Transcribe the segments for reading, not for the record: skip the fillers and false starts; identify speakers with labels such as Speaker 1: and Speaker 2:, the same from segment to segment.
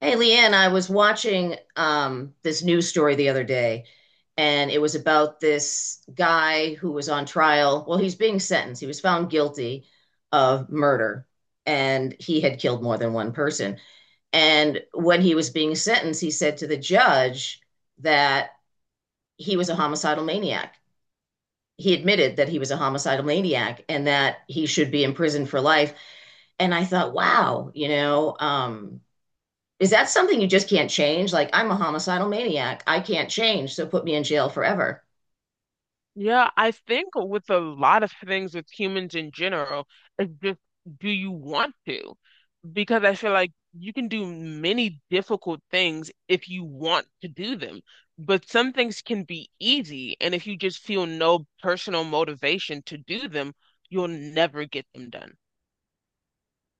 Speaker 1: Hey, Leanne, I was watching this news story the other day, and it was about this guy who was on trial. Well, he's being sentenced. He was found guilty of murder, and he had killed more than one person. And when he was being sentenced, he said to the judge that he was a homicidal maniac. He admitted that he was a homicidal maniac and that he should be in prison for life. And I thought, wow, is that something you just can't change? Like, I'm a homicidal maniac. I can't change, so put me in jail forever.
Speaker 2: Yeah, I think with a lot of things with humans in general, it's just do you want to? Because I feel like you can do many difficult things if you want to do them. But some things can be easy, and if you just feel no personal motivation to do them, you'll never get them done.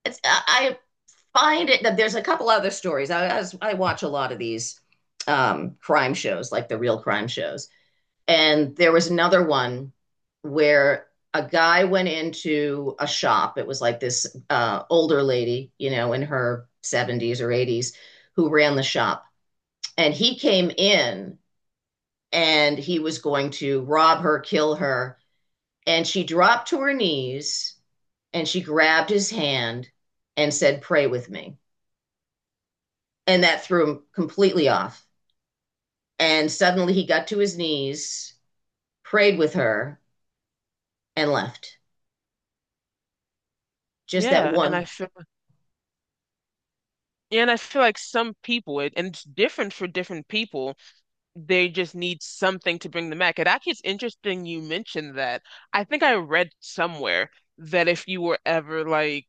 Speaker 1: I find it that there's a couple other stories. I watch a lot of these crime shows, like the real crime shows. And there was another one where a guy went into a shop. It was like this older lady, you know, in her 70s or 80s, who ran the shop. And he came in and he was going to rob her, kill her. And she dropped to her knees and she grabbed his hand and said, "Pray with me." And that threw him completely off. And suddenly he got to his knees, prayed with her, and left. Just that
Speaker 2: Yeah, and I
Speaker 1: one.
Speaker 2: feel yeah, and I feel like some people, and it's different for different people they just need something to bring them back. It actually is interesting you mentioned that. I think I read somewhere that if you were ever like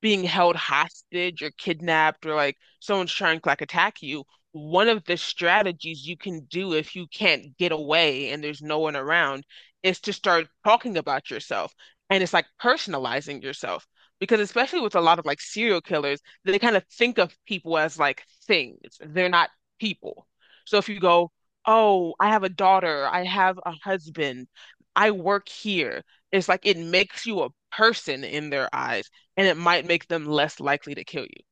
Speaker 2: being held hostage or kidnapped or like someone's trying to like attack you, one of the strategies you can do if you can't get away and there's no one around is to start talking about yourself. And it's like personalizing yourself. Because especially with a lot of like serial killers, they kind of think of people as like things. They're not people. So if you go, oh, I have a daughter, I have a husband, I work here, it's like it makes you a person in their eyes and it might make them less likely to kill you.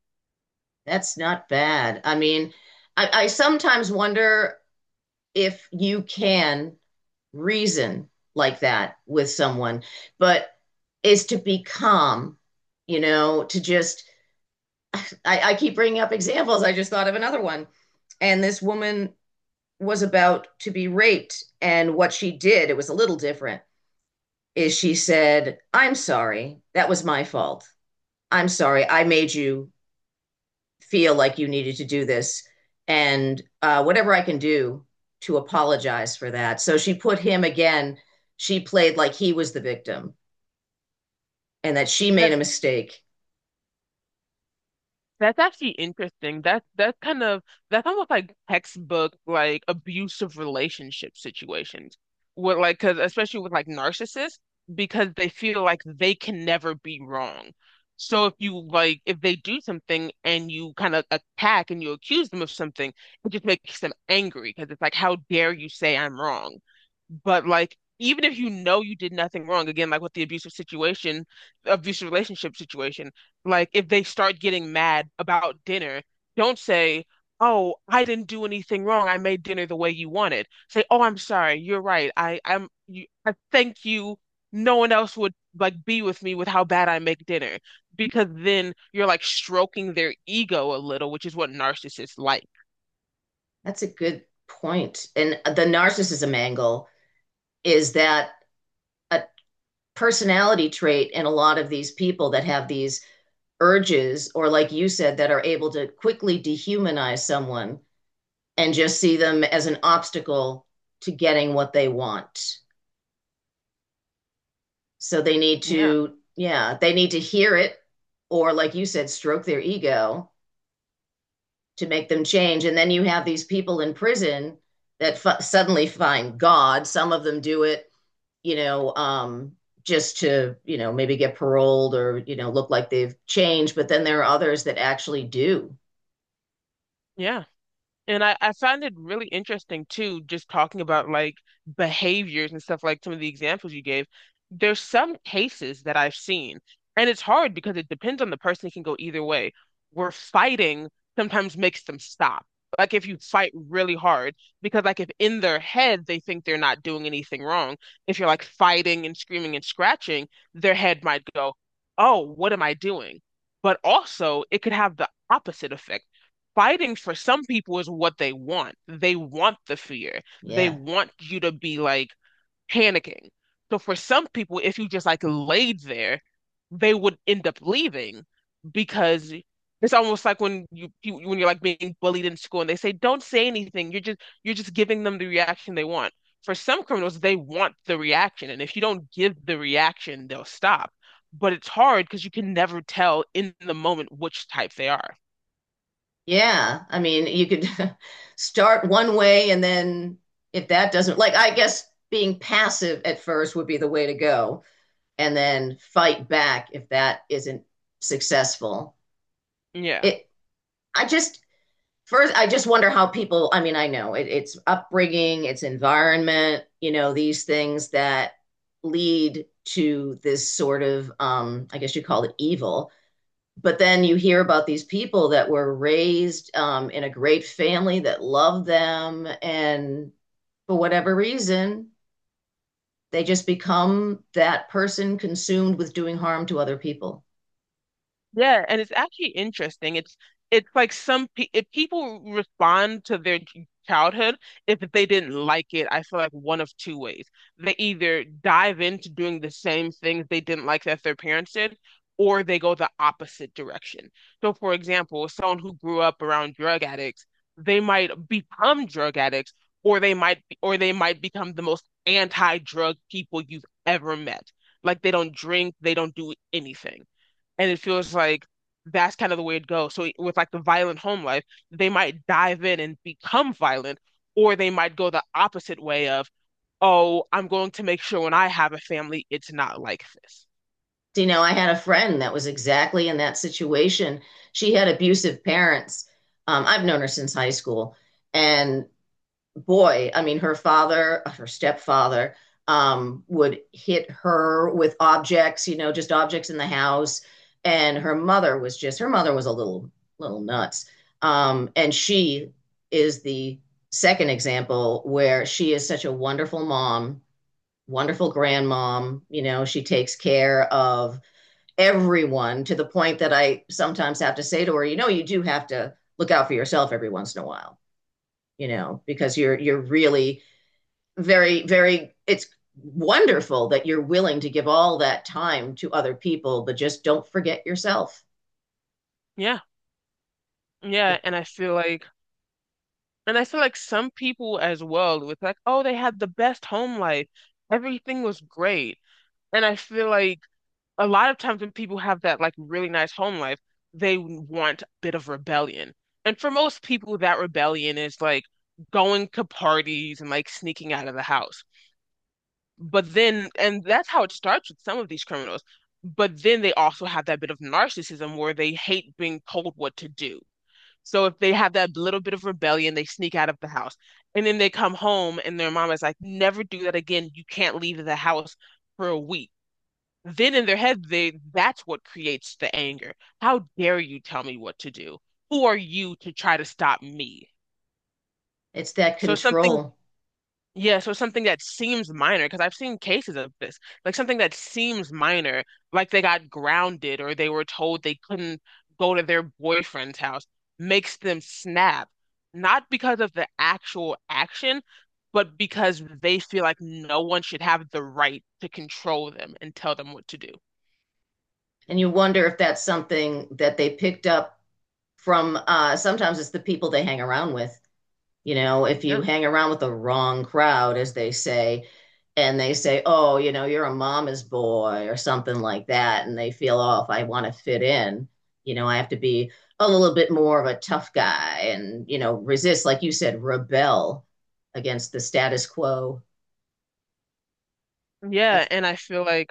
Speaker 1: That's not bad. I mean, I sometimes wonder if you can reason like that with someone, but is to be calm, you know, to just I, I keep bringing up examples. I just thought of another one. And this woman was about to be raped. And what she did, it was a little different, is she said, "I'm sorry. That was my fault. I'm sorry. I made you feel like you needed to do this. And whatever I can do to apologize for that." So she put him again. She played like he was the victim and that she made a mistake.
Speaker 2: That's actually interesting. That's kind of that's almost like textbook like abusive relationship situations. With like, cause especially with like narcissists, because they feel like they can never be wrong. So if you like, if they do something and you kind of attack and you accuse them of something, it just makes them angry because it's like, how dare you say I'm wrong? But like, even if you know you did nothing wrong, again, like with the abusive situation, abusive relationship situation like if they start getting mad about dinner, don't say, "Oh, I didn't do anything wrong. I made dinner the way you wanted." Say, "Oh, I'm sorry. You're right. I thank you. No one else would like be with me with how bad I make dinner." Because then you're like stroking their ego a little, which is what narcissists like.
Speaker 1: That's a good point. And the narcissism angle is that a personality trait in a lot of these people that have these urges, or like you said, that are able to quickly dehumanize someone and just see them as an obstacle to getting what they want. So they need
Speaker 2: Yeah.
Speaker 1: to, yeah, they need to hear it, or like you said, stroke their ego to make them change. And then you have these people in prison that suddenly find God. Some of them do it you know, um, just to, maybe get paroled or, look like they've changed. But then there are others that actually do.
Speaker 2: Yeah. And I found it really interesting too, just talking about like behaviors and stuff like some of the examples you gave. There's some cases that I've seen, and it's hard because it depends on the person. It can go either way. Where fighting sometimes makes them stop. Like if you fight really hard, because like if in their head they think they're not doing anything wrong, if you're like fighting and screaming and scratching, their head might go, oh, what am I doing? But also it could have the opposite effect fighting for some people is what they want. They want the fear. They
Speaker 1: Yeah.
Speaker 2: want you to be like panicking. So for some people, if you just like laid there, they would end up leaving because it's almost like when you when you're like being bullied in school and they say, don't say anything. You're just giving them the reaction they want. For some criminals, they want the reaction. And if you don't give the reaction, they'll stop. But it's hard because you can never tell in the moment which type they are.
Speaker 1: Yeah. I mean, you could start one way and then if that doesn't, like, I guess being passive at first would be the way to go and then fight back if that isn't successful.
Speaker 2: Yeah.
Speaker 1: It, I just, First, I just wonder how people, I mean, it's upbringing, it's environment, you know, these things that lead to this sort of, I guess you call it evil. But then you hear about these people that were raised in a great family that loved them, and for whatever reason, they just become that person consumed with doing harm to other people.
Speaker 2: Yeah, and it's actually interesting. It's like some pe if people respond to their childhood, if they didn't like it, I feel like one of two ways. They either dive into doing the same things they didn't like that their parents did, or they go the opposite direction. So, for example, someone who grew up around drug addicts, they might become drug addicts, or they might become the most anti-drug people you've ever met. Like they don't drink, they don't do anything and it feels like that's kind of the way it goes. So e, with like the violent home life, they might dive in and become violent, or they might go the opposite way of, oh, I'm going to make sure when I have a family, it's not like this.
Speaker 1: You know, I had a friend that was exactly in that situation. She had abusive parents. I've known her since high school. And boy, I mean, her stepfather, would hit her with objects, you know, just objects in the house. And her mother was a little nuts. And she is the second example where she is such a wonderful mom, wonderful grandmom. You know, she takes care of everyone to the point that I sometimes have to say to her, you know, you do have to look out for yourself every once in a while, you know, because you're really very very it's wonderful that you're willing to give all that time to other people, but just don't forget yourself.
Speaker 2: Yeah, yeah, and I feel like some people as well with like, oh, they had the best home life, everything was great, and I feel like a lot of times when people have that like really nice home life, they want a bit of rebellion. And for most people, that rebellion is like going to parties and like sneaking out of the house. But then, and that's how it starts with some of these criminals. But then they also have that bit of narcissism where they hate being told what to do. So if they have that little bit of rebellion, they sneak out of the house. And then they come home and their mom is like, never do that again. You can't leave the house for a week then in their head they that's what creates the anger. How dare you tell me what to do? Who are you to try to stop me?
Speaker 1: It's that
Speaker 2: So something
Speaker 1: control.
Speaker 2: Yeah, so something that seems minor because I've seen cases of this, like something that seems minor, like they got grounded or they were told they couldn't go to their boyfriend's house, makes them snap. Not because of the actual action, but because they feel like no one should have the right to control them and tell them what to do.
Speaker 1: And you wonder if that's something that they picked up from sometimes it's the people they hang around with. You know, if you
Speaker 2: Yeah.
Speaker 1: hang around with the wrong crowd, as they say, and they say, oh, you know, you're a mama's boy or something like that, and they feel, oh, if I want to fit in, you know, I have to be a little bit more of a tough guy and, you know, resist, like you said, rebel against the status quo.
Speaker 2: Yeah,
Speaker 1: That's
Speaker 2: and I feel like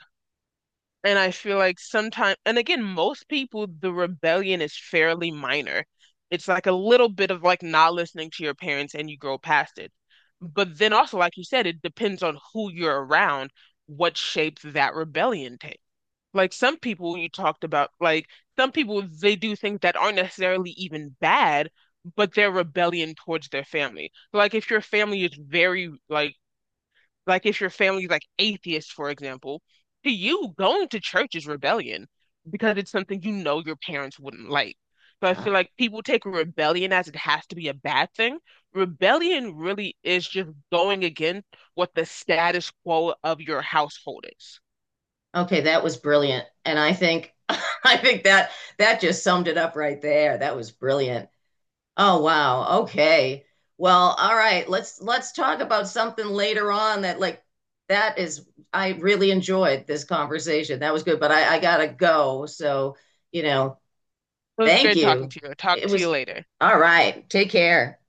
Speaker 2: and I feel like sometimes and again most people the rebellion is fairly minor. It's like a little bit of like not listening to your parents and you grow past it. But then also like you said it depends on who you're around what shape that rebellion takes. Like some people you talked about like some people they do things that aren't necessarily even bad but they're rebellion towards their family. Like if your family is very like if your family's like atheist, for example, to you, going to church is rebellion because it's something you know your parents wouldn't like. So I
Speaker 1: uh,
Speaker 2: feel like people take rebellion as it has to be a bad thing. Rebellion really is just going against what the status quo of your household is.
Speaker 1: okay. That was brilliant. And I think, I think that that just summed it up right there. That was brilliant. Oh wow. Okay. Well, all right. Let's talk about something later on that like that is I really enjoyed this conversation. That was good, but I gotta go. So, you know,
Speaker 2: So it was
Speaker 1: thank
Speaker 2: great talking
Speaker 1: you.
Speaker 2: to you. I'll talk
Speaker 1: It
Speaker 2: to you
Speaker 1: was
Speaker 2: later.
Speaker 1: all right. Take care.